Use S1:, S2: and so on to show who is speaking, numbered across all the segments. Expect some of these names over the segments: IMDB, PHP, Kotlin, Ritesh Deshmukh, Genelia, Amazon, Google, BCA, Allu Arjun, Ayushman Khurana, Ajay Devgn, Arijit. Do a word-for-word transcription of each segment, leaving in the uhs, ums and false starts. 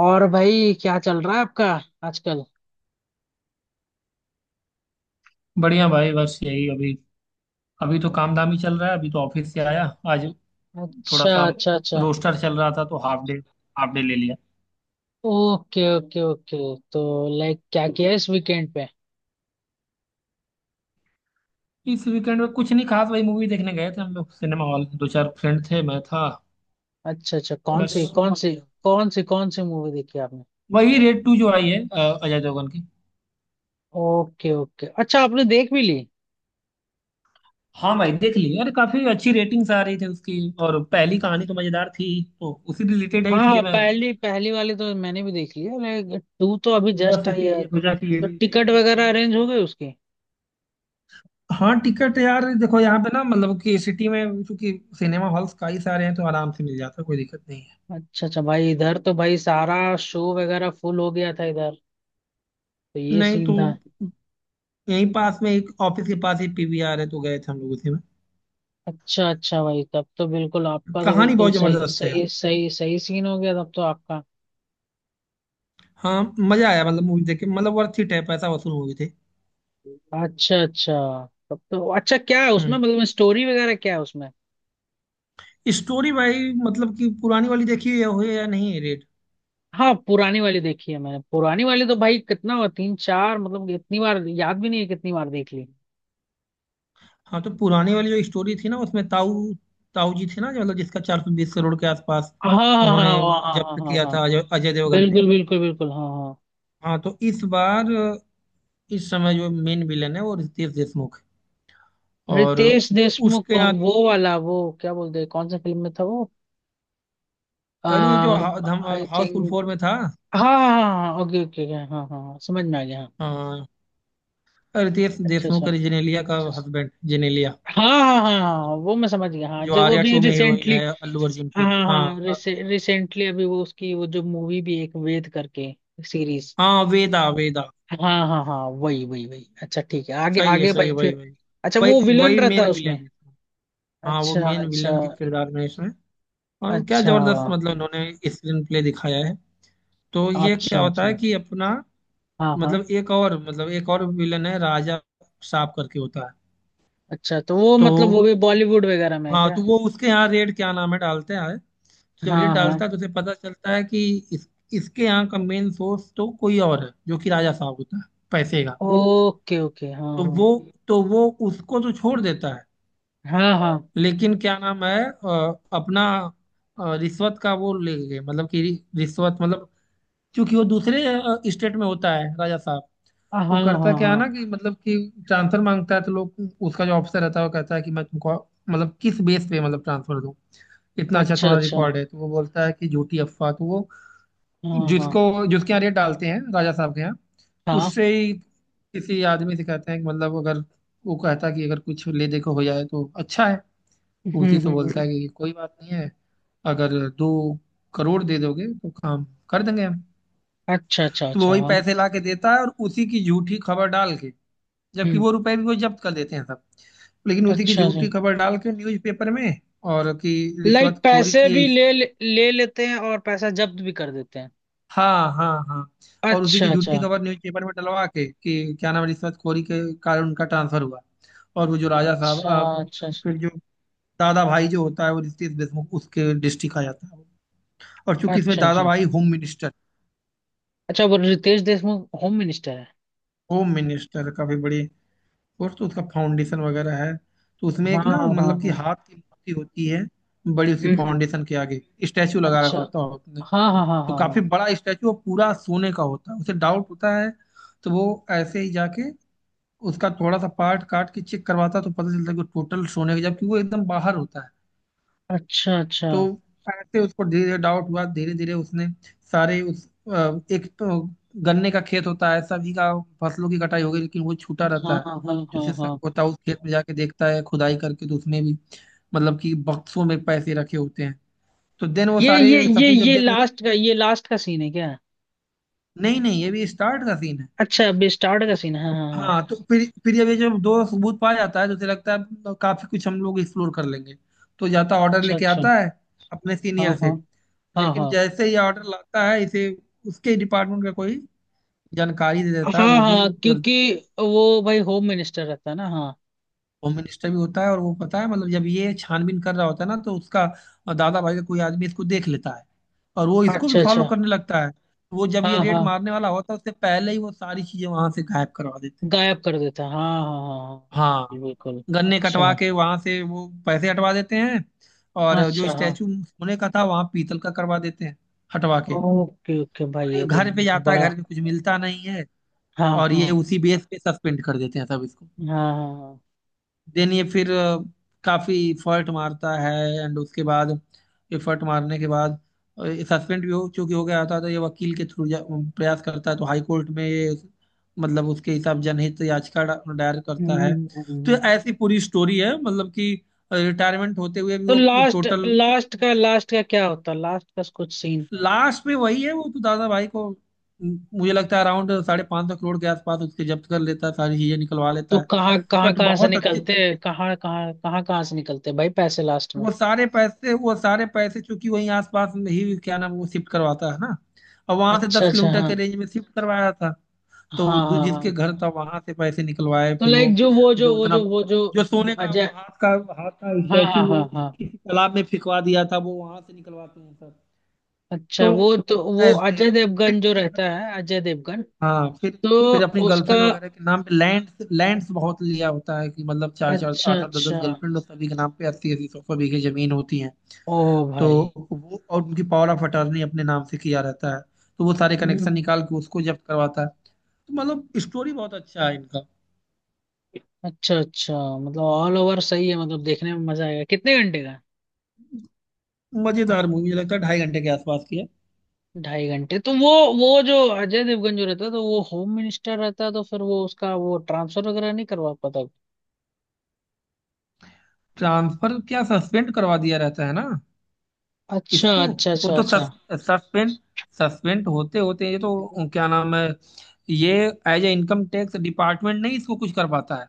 S1: और भाई क्या चल रहा है आपका आजकल।
S2: बढ़िया भाई। बस यही अभी अभी तो काम धाम ही चल रहा है। अभी तो ऑफिस से आया आज। थोड़ा
S1: अच्छा
S2: सा
S1: अच्छा अच्छा।
S2: रोस्टर चल रहा था तो हाफ डे हाफ डे ले लिया।
S1: Okay okay okay. तो लाइक क्या किया इस वीकेंड पे?
S2: इस वीकेंड में कुछ नहीं खास, वही मूवी देखने गए थे हम लोग सिनेमा हॉल। दो चार फ्रेंड थे, मैं था
S1: अच्छा अच्छा, कौन सी
S2: बस।
S1: कौन सी? कौन सी कौन सी मूवी देखी आपने?
S2: वही रेड टू जो आई है, अ, अजय देवगन की।
S1: ओके ओके, अच्छा आपने देख भी ली?
S2: हाँ भाई, देख ली यार, काफी अच्छी रेटिंग्स आ रही थी उसकी। और पहली कहानी तो मजेदार थी, तो उसी रिलेटेड है,
S1: हाँ
S2: इसलिए
S1: हाँ,
S2: मैं
S1: पहली पहली वाली तो मैंने भी देख ली है, लाइक टू तो अभी
S2: बस
S1: जस्ट आई है।
S2: इसीलिए सोचा कि ये
S1: तो
S2: भी देख
S1: टिकट
S2: ही लेते
S1: वगैरह
S2: हैं।
S1: अरेंज हो गई उसकी?
S2: हाँ टिकट, यार देखो यहाँ पे ना, मतलब कि सिटी में क्योंकि सिनेमा हॉल्स कई सारे हैं, तो आराम से मिल जाता है, कोई दिक्कत नहीं है।
S1: अच्छा अच्छा, भाई इधर तो भाई सारा शो वगैरह फुल हो गया था इधर, तो ये
S2: नहीं
S1: सीन
S2: तो
S1: था।
S2: यहीं पास में, एक ऑफिस के पास ही पी वी आर है, तो गए थे हम लोग उसी में।
S1: अच्छा अच्छा भाई, तब तो बिल्कुल आपका तो
S2: कहानी
S1: बिल्कुल
S2: बहुत
S1: सही
S2: जबरदस्त है यार।
S1: सही सही सही सीन हो गया तब तो आपका।
S2: हाँ मजा आया, मतलब मूवी देख के, मतलब वर्थ इट है, पैसा वसूल मूवी थी।
S1: अच्छा अच्छा, तब तो अच्छा। क्या है उसमें,
S2: हम्म,
S1: मतलब स्टोरी वगैरह क्या है उसमें?
S2: स्टोरी भाई, मतलब कि पुरानी वाली देखी है हुई या नहीं, रेट।
S1: हाँ पुरानी वाली देखी है मैंने, पुरानी वाली तो भाई कितना हुआ तीन चार, मतलब इतनी बार याद भी नहीं है कितनी बार देख ली।
S2: हाँ तो पुरानी वाली जो स्टोरी थी ना, उसमें ताऊ ताऊ जी थे ना, जो मतलब जिसका चार सौ बीस करोड़ के आसपास
S1: हाँ हाँ हाँ हाँ
S2: उन्होंने
S1: हाँ हाँ
S2: जब्त
S1: हाँ हाँ
S2: किया
S1: हाँ।
S2: था अजय अजय देवगन ने।
S1: बिल्कुल बिल्कुल बिल्कुल, हाँ हाँ।
S2: हाँ तो इस बार इस समय जो मेन विलन है वो रितेश देशमुख है। और
S1: रितेश देशमुख
S2: उसके
S1: कौन?
S2: आगे,
S1: वो वाला, वो क्या बोलते हैं, कौन सा फिल्म में था वो?
S2: अरे ये जो हा, धम,
S1: आई
S2: हाउसफुल फोर
S1: थिंक।
S2: में था
S1: हाँ हाँ हाँ, ओके ओके, हाँ okay, okay, okay, हाँ हाँ हाँ, समझ में आ गया, हाँ।
S2: अ, रितेश
S1: अच्छा अच्छा।
S2: देशमुख, अरे जेनेलिया का हस्बैंड, जेनेलिया
S1: हाँ हाँ हाँ हाँ, हाँ, वो मैं समझ गया हाँ,
S2: जो
S1: जो वो
S2: आर्या
S1: अभी
S2: टू में हीरोइन
S1: रिसेंटली।
S2: है अल्लू अर्जुन
S1: हाँ
S2: की।
S1: हाँ
S2: हाँ
S1: हाँ।
S2: अ,
S1: रिसेंटली अभी वो उसकी वो जो मूवी भी एक वेद करके सीरीज।
S2: हाँ वेदा वेदा,
S1: हाँ हाँ हाँ, वही वही वही, अच्छा ठीक है, आगे
S2: सही है
S1: आगे
S2: सही है,
S1: भाई
S2: वही
S1: फिर।
S2: वही
S1: अच्छा,
S2: वही
S1: वो विलन
S2: वही
S1: रहता है
S2: मेन विलन
S1: उसमें?
S2: है इसमें। हाँ वो
S1: अच्छा
S2: मेन
S1: अच्छा।
S2: विलन के किरदार में है इसमें। और क्या
S1: अच्छा
S2: जबरदस्त, मतलब उन्होंने स्क्रीन प्ले दिखाया है। तो ये क्या
S1: अच्छा।
S2: होता
S1: अच्छा,
S2: है कि अपना,
S1: हाँ हाँ।
S2: मतलब एक और मतलब एक और विलन है राजा साहब करके होता है।
S1: अच्छा तो वो,
S2: तो
S1: मतलब वो भी बॉलीवुड वगैरह में है
S2: हाँ
S1: क्या?
S2: तो वो उसके यहाँ रेट, क्या नाम है, डालते हैं। तो जब रेट
S1: हाँ हाँ,
S2: डालता है तो उसे पता चलता है कि इस, इसके यहाँ का मेन सोर्स तो कोई और है जो कि राजा साहब होता है पैसे का।
S1: ओके ओके, हाँ
S2: तो वो तो वो उसको तो छोड़ देता है।
S1: हाँ हाँ
S2: लेकिन क्या नाम है, अ, अपना अ, रिश्वत का वो ले गए, मतलब कि रिश्वत मतलब, क्योंकि वो दूसरे स्टेट में होता है राजा साहब।
S1: हाँ
S2: तो
S1: हाँ हाँ
S2: करता
S1: हाँ
S2: क्या है ना
S1: हाँ।
S2: कि मतलब कि ट्रांसफर मांगता है, तो लोग उसका जो ऑफिसर रहता है वो कहता है कि मैं तुमको मतलब किस बेस पे मतलब ट्रांसफर दूं, इतना अच्छा
S1: अच्छा
S2: तुम्हारा
S1: अच्छा।
S2: रिकॉर्ड है। तो वो बोलता है कि झूठी अफवाह, तो वो
S1: हाँ हाँ
S2: जिसको जिसके यहाँ रेट डालते हैं, राजा साहब के यहाँ,
S1: हाँ,
S2: उससे ही किसी आदमी से कहते हैं कि मतलब अगर, वो कहता है कि अगर कुछ ले दे के हो जाए तो अच्छा है। तो
S1: हम्म
S2: उसी से
S1: हम्म
S2: बोलता
S1: हम्म।
S2: है कि कोई बात नहीं है, अगर दो करोड़ दे दोगे तो काम कर देंगे हम।
S1: अच्छा अच्छा
S2: तो वो
S1: अच्छा
S2: वही
S1: हाँ।
S2: पैसे ला के देता है और उसी की झूठी खबर डाल के, जबकि
S1: हम्म।
S2: वो रुपए भी वो जब्त कर देते हैं सब। लेकिन उसी की
S1: अच्छा जी।
S2: झूठी खबर डाल के न्यूज़पेपर में, और कि
S1: लाइक
S2: रिश्वतखोरी
S1: पैसे
S2: की है
S1: भी
S2: इस,
S1: ले ले लेते हैं और पैसा जब्त भी कर देते हैं?
S2: हाँ हाँ हाँ, और उसी
S1: अच्छा
S2: की
S1: अच्छा।
S2: झूठी खबर न्यूज़पेपर में डलवा के कि, क्या नाम है, रिश्वतखोरी के कारण उनका ट्रांसफर हुआ। और वो जो राजा साहब
S1: अच्छा
S2: अ,
S1: अच्छा। अच्छा
S2: फिर जो दादा भाई जो होता है वो रितेश देशमुख उसके डिस्ट्रिक्ट आ जाता है। और चूंकि इसमें
S1: अच्छा
S2: दादा
S1: अच्छा
S2: भाई होम मिनिस्टर,
S1: अच्छा, वो रितेश देशमुख होम मिनिस्टर है?
S2: होम मिनिस्टर काफी बड़ी, और तो उसका फाउंडेशन वगैरह है। तो उसमें
S1: हाँ
S2: एक ना,
S1: हाँ हाँ
S2: मतलब कि
S1: हाँ।
S2: हाथ की मूर्ति होती है बड़ी, उसकी
S1: हम्म हम्म।
S2: फाउंडेशन के आगे स्टैचू लगा
S1: अच्छा।
S2: रखा होता है उसने।
S1: हाँ हाँ हाँ
S2: तो
S1: हाँ
S2: काफी
S1: हाँ।
S2: बड़ा स्टैचू और पूरा सोने का होता है। उसे डाउट होता है तो वो ऐसे ही जाके उसका थोड़ा सा पार्ट काट के चेक करवाता है, तो पता चलता है कि टोटल सोने का, जबकि वो एकदम बाहर होता है।
S1: अच्छा अच्छा।
S2: तो ऐसे उसको धीरे धीरे डाउट हुआ, धीरे धीरे उसने सारे उस अ, एक तो गन्ने का खेत होता है सभी का। फसलों की कटाई हो गई लेकिन वो छूटा
S1: हाँ
S2: रहता है।
S1: हाँ हाँ
S2: जो
S1: हाँ
S2: सिर्फ सब
S1: हाँ।
S2: होता है उस खेत में जाके देखता है खुदाई करके, तो उसमें भी मतलब कि बक्सों में पैसे रखे होते हैं। तो देन वो
S1: ये ये
S2: सारे
S1: ये
S2: सपूत जब
S1: ये
S2: देख रहे थे,
S1: लास्ट का ये लास्ट का सीन है क्या?
S2: नहीं नहीं ये भी स्टार्ट का सीन है।
S1: अच्छा अभी स्टार्ट का
S2: तो
S1: सीन है, हाँ हाँ हाँ।
S2: हाँ तो फिर फिर ये भी जब दो सबूत पाया जाता है तो उसे लगता है अब काफी कुछ हम लोग एक्सप्लोर कर लेंगे। तो जाता ऑर्डर
S1: अच्छा
S2: लेके
S1: अच्छा।
S2: आता है अपने
S1: हाँ
S2: सीनियर
S1: हाँ
S2: से।
S1: हाँ
S2: लेकिन
S1: हाँ
S2: जैसे ही ऑर्डर लाता है इसे, उसके डिपार्टमेंट का कोई जानकारी दे
S1: हाँ।
S2: देता है, वो भी
S1: हाँ क्योंकि वो भाई होम मिनिस्टर रहता है ना, हाँ।
S2: होम मिनिस्टर भी होता है। और वो पता है, मतलब जब ये छानबीन कर रहा होता है ना, तो उसका दादा भाई का कोई आदमी इसको देख लेता है और वो इसको भी
S1: अच्छा अच्छा।
S2: फॉलो करने लगता है। वो जब
S1: हाँ
S2: ये रेड
S1: हाँ,
S2: मारने वाला होता है, उससे पहले ही वो सारी चीजें वहां से गायब करवा देता है।
S1: गायब कर देता है, हाँ हाँ हाँ हाँ,
S2: हाँ,
S1: जी, बिल्कुल,
S2: गन्ने
S1: अच्छा।
S2: कटवा के वहां से वो पैसे हटवा देते हैं, और जो
S1: अच्छा हाँ।
S2: स्टैचू सोने का था वहां पीतल का करवा देते हैं हटवा के।
S1: ओके ओके भाई,
S2: और ये
S1: ये तो
S2: घर पे जाता है,
S1: बड़ा।
S2: घर पे कुछ मिलता नहीं है।
S1: हाँ
S2: और ये
S1: हाँ
S2: उसी बेस पे सस्पेंड कर देते हैं सब इसको।
S1: हाँ हाँ हाँ,
S2: देन ये फिर अ, काफी एफर्ट मारता है, एंड उसके बाद एफर्ट मारने के बाद, सस्पेंड भी हो चूंकि हो गया था, तो ये वकील के थ्रू प्रयास करता है, तो हाई कोर्ट में ये मतलब उसके हिसाब जनहित याचिका डा- दायर करता है।
S1: हम्म,
S2: तो ये
S1: हम्म।
S2: ऐसी पूरी स्टोरी है, मतलब कि रिटायरमेंट होते हुए भी
S1: तो
S2: वो
S1: लास्ट
S2: टोटल,
S1: लास्ट का लास्ट का क्या होता है? लास्ट का कुछ सीन?
S2: लास्ट में वही है। वो तो दादा भाई को म, मुझे लगता है अराउंड साढ़े पाँच सौ करोड़ के आसपास उसके जब्त कर लेता है, सारी चीजें निकलवा लेता
S1: तो
S2: है।
S1: कहाँ कहाँ
S2: बट
S1: कहाँ से
S2: बहुत अच्छे
S1: निकलते हैं?
S2: तरीके,
S1: कहाँ कहाँ कहाँ कहाँ से निकलते हैं भाई पैसे लास्ट में?
S2: वो सारे पैसे वो सारे पैसे चूंकि वहीं आसपास में ही, क्या नाम, वो शिफ्ट करवाता है ना, और वहां से
S1: अच्छा
S2: दस
S1: अच्छा,
S2: किलोमीटर के
S1: हाँ
S2: रेंज में शिफ्ट करवाया था। तो
S1: हाँ।
S2: दू-
S1: हाँ
S2: जिसके
S1: हाँ
S2: घर था वहां से पैसे निकलवाए।
S1: तो
S2: फिर वो
S1: लाइक जो वो जो
S2: जो
S1: वो
S2: उतना
S1: जो वो जो
S2: जो सोने का वो
S1: अजय।
S2: हाथ का, हाथ का
S1: हाँ
S2: स्टैचू,
S1: हाँ हाँ
S2: वो
S1: हाँ।
S2: किसी तालाब में फिंकवा दिया था, वो वहां से निकलवाते हैं सब। तो
S1: अच्छा, वो तो वो
S2: ऐसे
S1: अजय
S2: फिर
S1: देवगन जो
S2: कई,
S1: रहता है, अजय देवगन।
S2: हाँ फिर
S1: तो
S2: फिर अपनी
S1: उसका।
S2: गर्लफ्रेंड वगैरह के नाम पे लैंड लैंड्स बहुत लिया होता है, कि मतलब चार चार
S1: अच्छा
S2: आठ आठ दस
S1: अच्छा।
S2: दस गर्लफ्रेंड और सभी के नाम पे अस्सी अस्सी सौ सौ बीघे जमीन होती है।
S1: ओ
S2: तो
S1: भाई।
S2: वो, और उनकी पावर ऑफ अटॉर्नी अपने नाम से किया रहता है। तो वो सारे कनेक्शन
S1: हम्म।
S2: निकाल के उसको जब्त करवाता है। तो मतलब स्टोरी बहुत अच्छा है इनका।
S1: अच्छा अच्छा, मतलब ऑल ओवर सही है मतलब? देखने में मजा आएगा? कितने घंटे का?
S2: मजेदार मूवी, मुझे लगता है ढाई घंटे के आसपास की है।
S1: ढाई घंटे। तो वो वो जो अजय देवगन जो रहता है तो वो होम मिनिस्टर रहता है, तो फिर वो उसका वो ट्रांसफर वगैरह नहीं करवा पाता?
S2: ट्रांसफर क्या, सस्पेंड करवा दिया रहता है ना
S1: अच्छा
S2: इसको।
S1: अच्छा
S2: वो
S1: अच्छा
S2: तो सस,
S1: अच्छा।
S2: सस्पेंड सस्पेंड होते होते ये तो, क्या नाम है, ये as a income tax department, नहीं इसको कुछ कर पाता है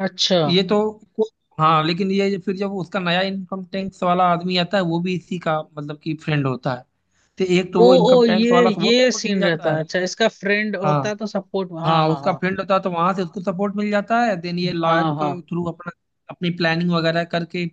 S1: अच्छा।
S2: ये तो। को- हाँ लेकिन ये फिर जब उसका नया इनकम टैक्स वाला आदमी आता है वो भी इसी का मतलब कि फ्रेंड होता है। तो एक तो
S1: ओ
S2: वो
S1: ओ,
S2: इनकम टैक्स
S1: ये
S2: वाला से वो
S1: ये
S2: सपोर्ट मिल
S1: सीन
S2: जाता
S1: रहता
S2: है।
S1: है? अच्छा इसका फ्रेंड
S2: हाँ,
S1: होता है तो सपोर्ट, हाँ
S2: हाँ
S1: हाँ
S2: उसका
S1: हाँ।
S2: फील्ड होता है तो वहां से उसको सपोर्ट मिल जाता है। देन ये लॉयर
S1: हाँ हाँ।
S2: के थ्रू अपना अपनी प्लानिंग वगैरह करके,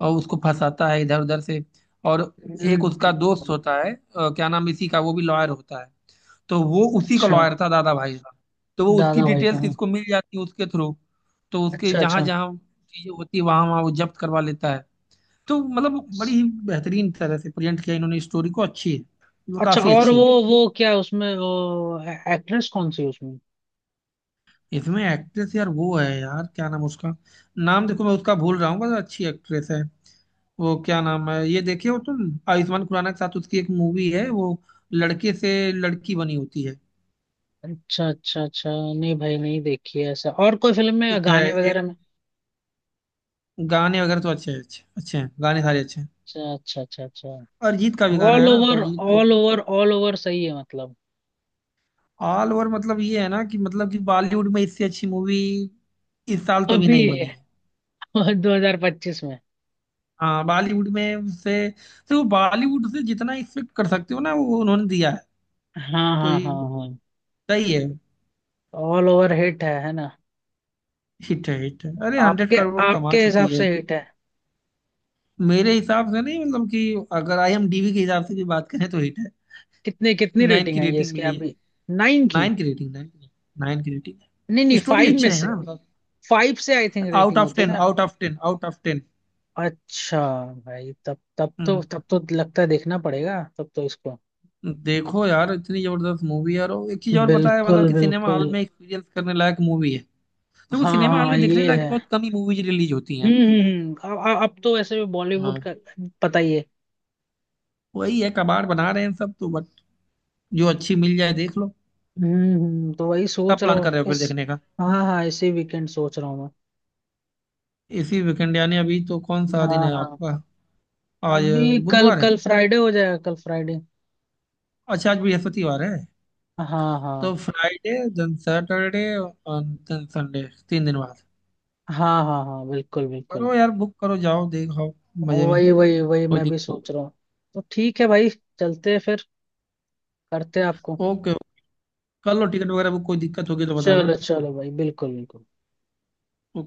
S2: और उसको फंसाता है इधर उधर से। और एक उसका दोस्त
S1: हम्म,
S2: होता है अ, क्या नाम इसी का, वो भी लॉयर होता है। तो वो उसी का
S1: अच्छा।
S2: लॉयर था दादा भाई का। तो वो उसकी
S1: दादा भाई का,
S2: डिटेल्स
S1: हाँ।
S2: इसको मिल जाती है उसके थ्रू। तो उसके
S1: अच्छा
S2: जहाँ
S1: अच्छा।
S2: जहाँ चीजें होती है वहां वहां वो जब्त करवा लेता है। तो मतलब बड़ी ही बेहतरीन तरह से प्रेजेंट किया इन्होंने स्टोरी को, अच्छी है वो,
S1: अच्छा,
S2: काफी
S1: और
S2: अच्छी
S1: वो
S2: है।
S1: वो क्या उसमें वो एक्ट्रेस कौन सी है उसमें?
S2: इसमें एक्ट्रेस यार वो है यार, क्या नाम उसका, नाम देखो मैं उसका भूल रहा हूँ, बस अच्छी एक्ट्रेस है। वो क्या नाम है, ये देखे हो तुम, आयुष्मान खुराना के साथ उसकी एक मूवी है वो, लड़के से लड़की बनी होती है।
S1: अच्छा अच्छा अच्छा, नहीं भाई नहीं देखी है ऐसा। और कोई फिल्म में
S2: एक है,
S1: गाने
S2: एक,
S1: वगैरह में?
S2: गाने वगैरह तो अच्छे अच्छे अच्छे हैं, गाने सारे अच्छे हैं।
S1: अच्छा अच्छा अच्छा अच्छा।
S2: अरिजीत का भी गाना
S1: ऑल
S2: है ना, तो
S1: ओवर
S2: अरिजीत का।
S1: ऑल ओवर ऑल ओवर सही है मतलब?
S2: ऑल ओवर मतलब ये है ना कि मतलब कि बॉलीवुड में इससे अच्छी मूवी इस साल तो अभी
S1: अभी
S2: नहीं बनी है।
S1: दो हज़ार पच्चीस में।
S2: हाँ बॉलीवुड में से देखो, बॉलीवुड से जितना एक्सपेक्ट कर सकते हो ना वो उन्होंने दिया है।
S1: हाँ हाँ
S2: कोई,
S1: हाँ हाँ।
S2: सही है।
S1: ऑल ओवर हिट है है ना?
S2: हिट है हिट है, अरे हंड्रेड
S1: आपके
S2: करोड़ कमा
S1: आपके
S2: चुकी
S1: हिसाब
S2: है।
S1: से हिट है?
S2: मेरे हिसाब से नहीं, मतलब कि अगर आई एम डी बी के हिसाब से भी बात करें तो हिट है।
S1: कितने कितनी
S2: नाइन
S1: रेटिंग
S2: की
S1: आई है
S2: रेटिंग
S1: इसकी
S2: मिली है।
S1: अभी? नाइन की?
S2: नाइन की रेटिंग, नाइन। नाइन की रेटिंग
S1: नहीं
S2: है,
S1: नहीं,
S2: स्टोरी
S1: फाइव में
S2: अच्छा है
S1: से?
S2: ना मतलब।
S1: फाइव से I think
S2: out
S1: rating
S2: of
S1: होती है
S2: टेन,
S1: ना?
S2: Out of ten, out of ten.
S1: अच्छा। भाई तब तब तो
S2: हम्म,
S1: तब तो लगता है देखना पड़ेगा तब तो इसको।
S2: देखो यार इतनी जबरदस्त मूवी है, और एक चीज और पता है मतलब
S1: बिल्कुल
S2: कि सिनेमा
S1: बिल्कुल।
S2: हॉल में एक्सपीरियंस करने लायक मूवी है। देखो
S1: हाँ
S2: सिनेमा हॉल
S1: हाँ
S2: में देखने
S1: ये
S2: लायक
S1: है।
S2: बहुत कम ही मूवीज रिलीज होती हैं।
S1: हम्म हम्म हम्म, अब अब अब तो वैसे भी बॉलीवुड
S2: हाँ
S1: का पता ही है।
S2: वही है, कबाड़ बना रहे हैं सब तो, बट जो अच्छी मिल जाए देख लो।
S1: हम्म हम्म, तो वही
S2: कब
S1: सोच रहा
S2: प्लान
S1: हूँ
S2: कर रहे हो फिर
S1: इस।
S2: देखने का?
S1: हाँ हाँ इसी वीकेंड सोच रहा हूँ।
S2: इसी वीकेंड यानी अभी, तो कौन
S1: मैं
S2: सा दिन
S1: हाँ
S2: है
S1: हाँ।
S2: आपका आज?
S1: अभी कल
S2: बुधवार है,
S1: कल फ्राइडे हो जाएगा, कल फ्राइडे।
S2: अच्छा आज बृहस्पतिवार है।
S1: हाँ हाँ
S2: तो फ्राइडे, देन सैटरडे, और देन संडे, तीन दिन बाद।
S1: हाँ हाँ हाँ बिल्कुल बिल्कुल।
S2: करो यार, बुक करो जाओ देखो, मजे में,
S1: वही वही वही,
S2: कोई
S1: मैं भी
S2: दिक्कत।
S1: सोच रहा हूँ। तो ठीक है भाई, चलते हैं फिर, करते हैं आपको।
S2: ओके, कर लो टिकट वगैरह बुक, कोई दिक्कत होगी तो बताना।
S1: चलो चलो भाई, बिल्कुल बिल्कुल।
S2: ओके।